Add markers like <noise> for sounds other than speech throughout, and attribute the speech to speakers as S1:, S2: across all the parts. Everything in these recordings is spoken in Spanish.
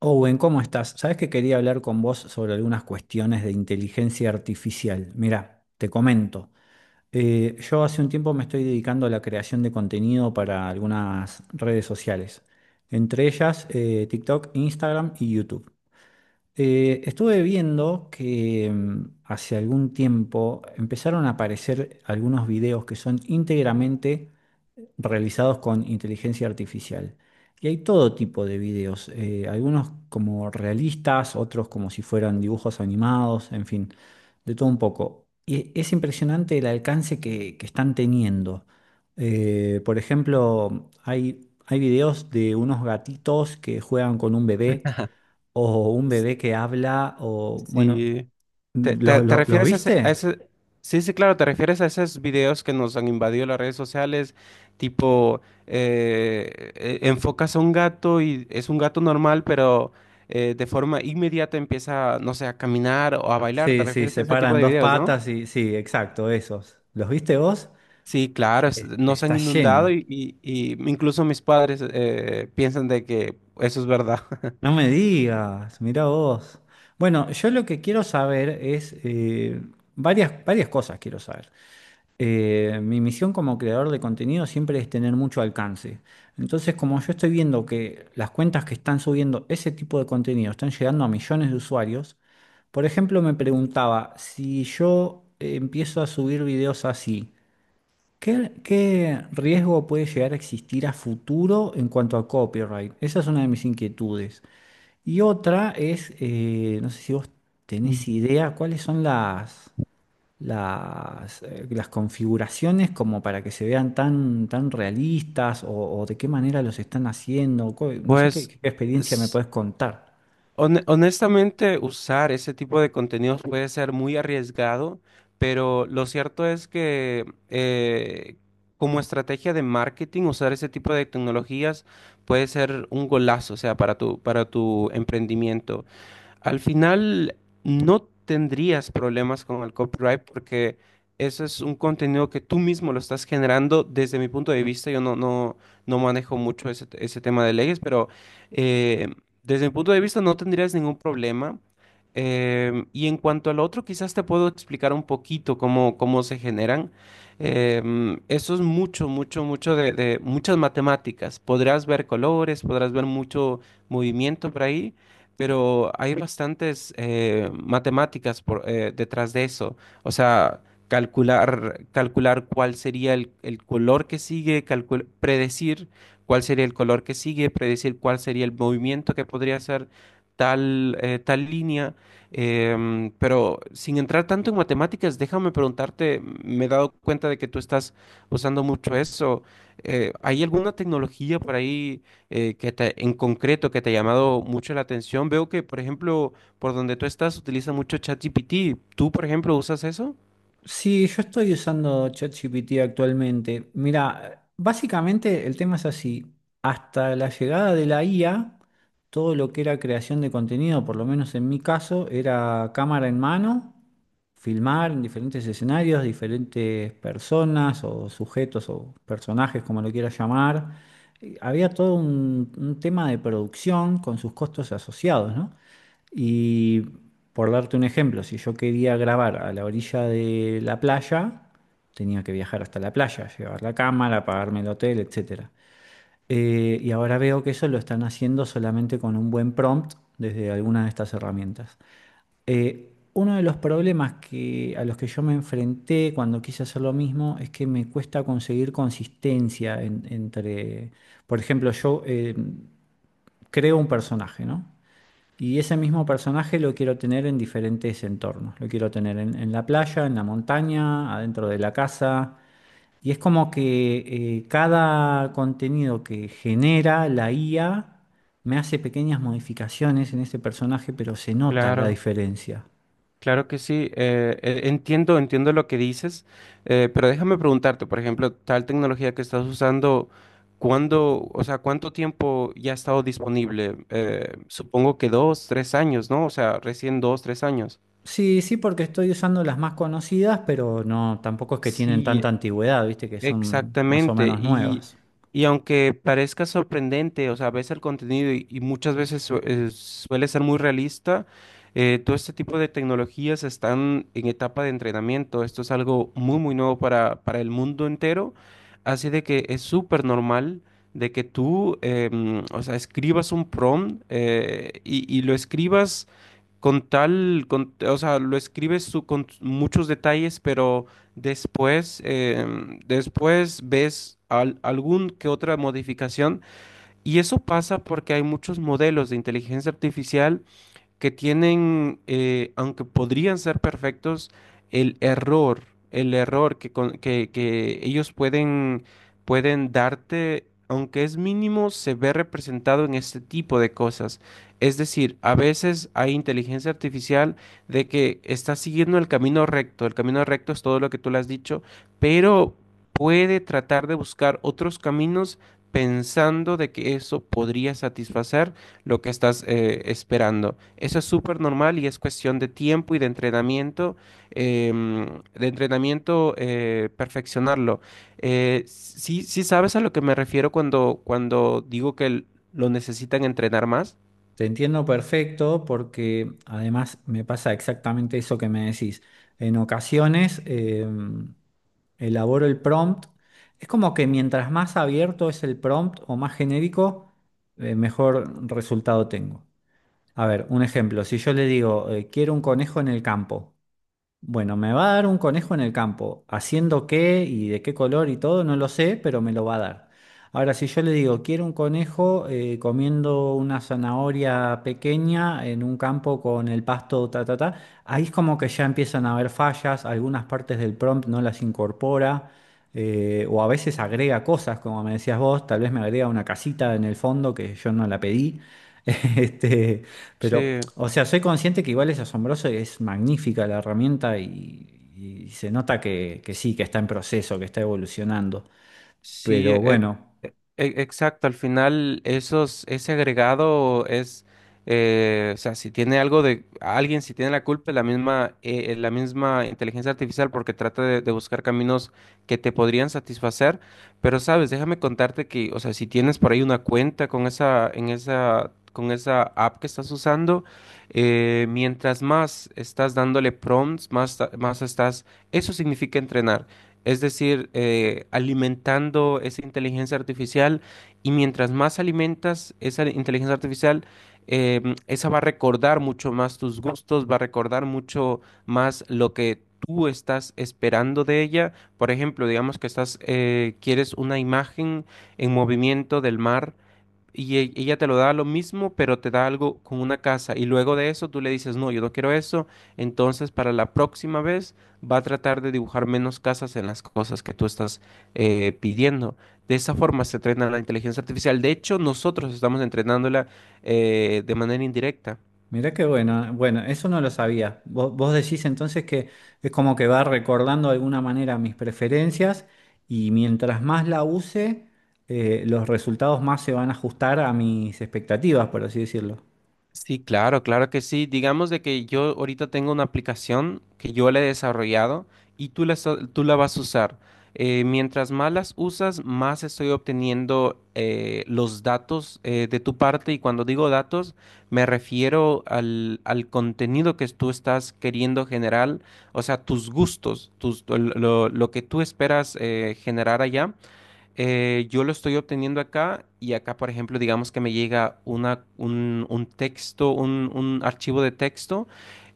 S1: Owen, ¿cómo estás? Sabes que quería hablar con vos sobre algunas cuestiones de inteligencia artificial. Mira, te comento. Yo hace un tiempo me estoy dedicando a la creación de contenido para algunas redes sociales, entre ellas TikTok, Instagram y YouTube. Estuve viendo que hace algún tiempo empezaron a aparecer algunos videos que son íntegramente realizados con inteligencia artificial. Y hay todo tipo de videos, algunos como realistas, otros como si fueran dibujos animados, en fin, de todo un poco. Y es impresionante el alcance que están teniendo. Por ejemplo, hay videos de unos gatitos que juegan con un bebé, o un bebé que habla, o bueno,
S2: Sí. ¿Te, te-
S1: ¿lo-
S2: te
S1: lo- ¿los
S2: refieres a ese,
S1: viste?
S2: Sí, sí, claro, te refieres a esos videos que nos han invadido las redes sociales, tipo, enfocas a un gato y es un gato normal, pero de forma inmediata empieza, no sé, a caminar o a bailar. ¿Te
S1: Sí, sí,
S2: refieres a
S1: se
S2: ese tipo
S1: paran
S2: de
S1: dos
S2: videos, no?
S1: patas y sí, exacto, esos. ¿Los viste vos?
S2: Sí, claro, nos han
S1: Está
S2: inundado
S1: lleno.
S2: y incluso mis padres piensan de que eso es verdad. <laughs>
S1: No me digas, mira vos. Bueno, yo lo que quiero saber es varias cosas quiero saber. Mi misión como creador de contenido siempre es tener mucho alcance. Entonces, como yo estoy viendo que las cuentas que están subiendo ese tipo de contenido están llegando a millones de usuarios, por ejemplo, me preguntaba si yo empiezo a subir videos así. ¿Qué riesgo puede llegar a existir a futuro en cuanto a copyright? Esa es una de mis inquietudes. Y otra es, no sé si vos
S2: Mm.
S1: tenés idea, cuáles son las configuraciones como para que se vean tan realistas o de qué manera los están haciendo. No sé qué,
S2: Pues...
S1: qué experiencia me podés contar.
S2: Honestamente, usar ese tipo de contenidos puede ser muy arriesgado, pero lo cierto es que como estrategia de marketing, usar ese tipo de tecnologías puede ser un golazo, o sea, para tu emprendimiento. Al final no tendrías problemas con el copyright porque eso es un contenido que tú mismo lo estás generando. Desde mi punto de vista, yo no manejo mucho ese, ese tema de leyes, pero eh, desde mi punto de vista no tendrías ningún problema. Y en cuanto al otro, quizás te puedo explicar un poquito cómo, cómo se generan. Eso es mucho, mucho, mucho de muchas matemáticas. Podrás ver colores, podrás ver mucho movimiento por ahí, pero hay bastantes matemáticas por detrás de eso. O sea, calcular cuál sería el color que sigue, predecir cuál sería el color que sigue, predecir cuál sería el movimiento que podría hacer tal, tal línea. Pero sin entrar tanto en matemáticas, déjame preguntarte, me he dado cuenta de que tú estás usando mucho eso. ¿Hay alguna tecnología por ahí, que en concreto que te ha llamado mucho la atención? Veo que, por ejemplo, por donde tú estás utiliza mucho ChatGPT. ¿Tú, por ejemplo, usas eso?
S1: Sí, yo estoy usando ChatGPT actualmente. Mira, básicamente el tema es así. Hasta la llegada de la IA, todo lo que era creación de contenido, por lo menos en mi caso, era cámara en mano, filmar en diferentes escenarios, diferentes personas o sujetos o personajes, como lo quieras llamar. Había todo un tema de producción con sus costos asociados, ¿no? Y por darte un ejemplo, si yo quería grabar a la orilla de la playa, tenía que viajar hasta la playa, llevar la cámara, pagarme el hotel, etcétera. Y ahora veo que eso lo están haciendo solamente con un buen prompt desde alguna de estas herramientas. Uno de los problemas que, a los que yo me enfrenté cuando quise hacer lo mismo es que me cuesta conseguir consistencia entre, por ejemplo, yo creo un personaje, ¿no? Y ese mismo personaje lo quiero tener en diferentes entornos. Lo quiero tener en la playa, en la montaña, adentro de la casa. Y es como que cada contenido que genera la IA me hace pequeñas modificaciones en ese personaje, pero se nota la
S2: Claro,
S1: diferencia.
S2: claro que sí. Entiendo, entiendo lo que dices, pero déjame preguntarte, por ejemplo, tal tecnología que estás usando, ¿cuándo, o sea, cuánto tiempo ya ha estado disponible? Supongo que dos, tres años, ¿no? O sea, recién dos, tres años.
S1: Sí, sí, porque estoy usando las más conocidas, pero no, tampoco es que tienen
S2: Sí,
S1: tanta antigüedad, viste, que son más o
S2: exactamente,
S1: menos nuevas.
S2: y aunque parezca sorprendente, o sea, ves el contenido y muchas veces suele ser muy realista, todo este tipo de tecnologías están en etapa de entrenamiento. Esto es algo muy, muy nuevo para el mundo entero, así de que es súper normal de que tú, o sea, escribas un prompt, y lo escribas con tal, o sea, lo escribes con muchos detalles, pero después, después ves algún que otra modificación y eso pasa porque hay muchos modelos de inteligencia artificial que tienen, aunque podrían ser perfectos, el error, el error que ellos pueden darte, aunque es mínimo, se ve representado en este tipo de cosas. Es decir, a veces hay inteligencia artificial de que está siguiendo el camino recto es todo lo que tú le has dicho, pero puede tratar de buscar otros caminos pensando de que eso podría satisfacer lo que estás esperando. Eso es súper normal y es cuestión de tiempo y de entrenamiento, de entrenamiento, perfeccionarlo. Sí, sí sabes a lo que me refiero cuando, cuando digo que lo necesitan entrenar más.
S1: Te entiendo perfecto porque además me pasa exactamente eso que me decís. En ocasiones elaboro el prompt. Es como que mientras más abierto es el prompt o más genérico, mejor resultado tengo. A ver, un ejemplo. Si yo le digo, quiero un conejo en el campo. Bueno, me va a dar un conejo en el campo. Haciendo qué y de qué color y todo, no lo sé, pero me lo va a dar. Ahora, si yo le digo, quiero un conejo comiendo una zanahoria pequeña en un campo con el pasto, ta, ta, ta, ahí es como que ya empiezan a haber fallas, algunas partes del prompt no las incorpora, o a veces agrega cosas, como me decías vos, tal vez me agrega una casita en el fondo que yo no la pedí. <laughs> Este,
S2: Sí.
S1: pero, o sea, soy consciente que igual es asombroso y es magnífica la herramienta y se nota que sí, que está en proceso, que está evolucionando.
S2: Sí,
S1: Pero bueno,
S2: exacto. Al final, esos, ese agregado es, o sea, si tiene algo de alguien, si tiene la culpa, es la misma inteligencia artificial, porque trata de buscar caminos que te podrían satisfacer. Pero sabes, déjame contarte que, o sea, si tienes por ahí una cuenta con esa, en esa, con esa app que estás usando, mientras más estás dándole prompts, más, más estás, eso significa entrenar. Es decir, alimentando esa inteligencia artificial y mientras más alimentas esa inteligencia artificial, esa va a recordar mucho más tus gustos, va a recordar mucho más lo que tú estás esperando de ella. Por ejemplo, digamos que estás, quieres una imagen en movimiento del mar y ella te lo da lo mismo, pero te da algo con una casa. Y luego de eso tú le dices, no, yo no quiero eso. Entonces, para la próxima vez va a tratar de dibujar menos casas en las cosas que tú estás pidiendo. De esa forma se entrena la inteligencia artificial. De hecho, nosotros estamos entrenándola, de manera indirecta.
S1: mirá qué bueno. Bueno, eso no lo sabía. Vos decís entonces que es como que va recordando de alguna manera mis preferencias y mientras más la use, los resultados más se van a ajustar a mis expectativas, por así decirlo.
S2: Sí, claro, claro que sí. Digamos de que yo ahorita tengo una aplicación que yo la he desarrollado y tú la, tú la vas a usar. Mientras más las usas, más estoy obteniendo, los datos, de tu parte, y cuando digo datos me refiero al contenido que tú estás queriendo generar, o sea, tus gustos, tus, lo que tú esperas generar allá, yo lo estoy obteniendo acá, y acá, por ejemplo, digamos que me llega un texto, un archivo de texto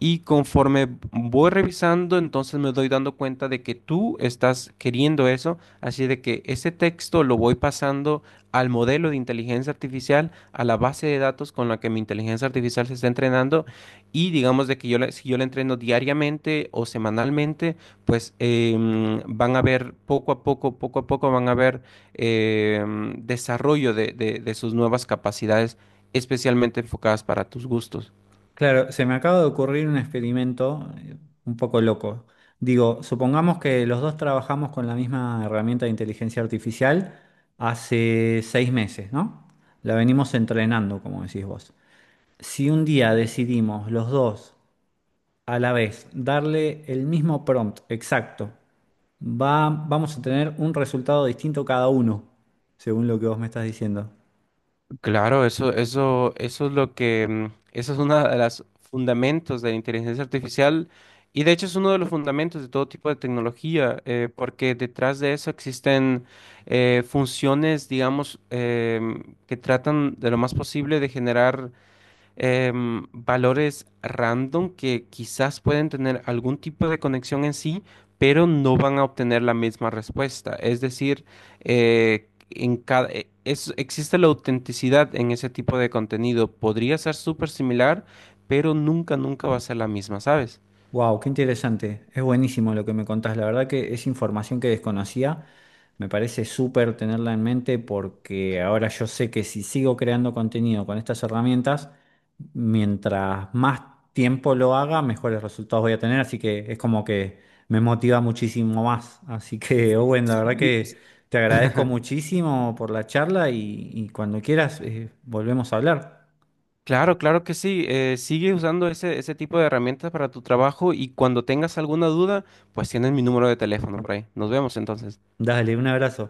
S2: y conforme voy revisando, entonces me doy dando cuenta de que tú estás queriendo eso, así de que ese texto lo voy pasando al modelo de inteligencia artificial, a la base de datos con la que mi inteligencia artificial se está entrenando, y digamos de que yo si yo la entreno diariamente o semanalmente, pues van a ver poco a poco van a ver, desarrollo de de sus nuevas capacidades, especialmente enfocadas para tus gustos.
S1: Claro, se me acaba de ocurrir un experimento un poco loco. Digo, supongamos que los dos trabajamos con la misma herramienta de inteligencia artificial hace 6 meses, ¿no? La venimos entrenando, como decís vos. Si un día decidimos los dos a la vez darle el mismo prompt exacto, vamos a tener un resultado distinto cada uno, según lo que vos me estás diciendo.
S2: Claro, eso es lo que, eso es uno de los fundamentos de la inteligencia artificial, y de hecho es uno de los fundamentos de todo tipo de tecnología, porque detrás de eso existen funciones, digamos, que tratan de lo más posible de generar, valores random que quizás pueden tener algún tipo de conexión en sí, pero no van a obtener la misma respuesta. Es decir, en cada, existe la autenticidad en ese tipo de contenido. Podría ser súper similar, pero nunca, nunca va a ser la misma, ¿sabes?
S1: Wow, qué interesante. Es buenísimo lo que me contás. La verdad que es información que desconocía. Me parece súper tenerla en mente porque ahora yo sé que si sigo creando contenido con estas herramientas, mientras más tiempo lo haga, mejores resultados voy a tener. Así que es como que me motiva muchísimo más. Así que, <laughs> Owen, la verdad
S2: Sí,
S1: que
S2: es-
S1: te agradezco
S2: <laughs>
S1: muchísimo por la charla y cuando quieras, volvemos a hablar.
S2: Claro, claro que sí. Sigue usando ese, ese tipo de herramientas para tu trabajo y cuando tengas alguna duda, pues tienes mi número de teléfono por ahí. Nos vemos entonces.
S1: Dale, un abrazo.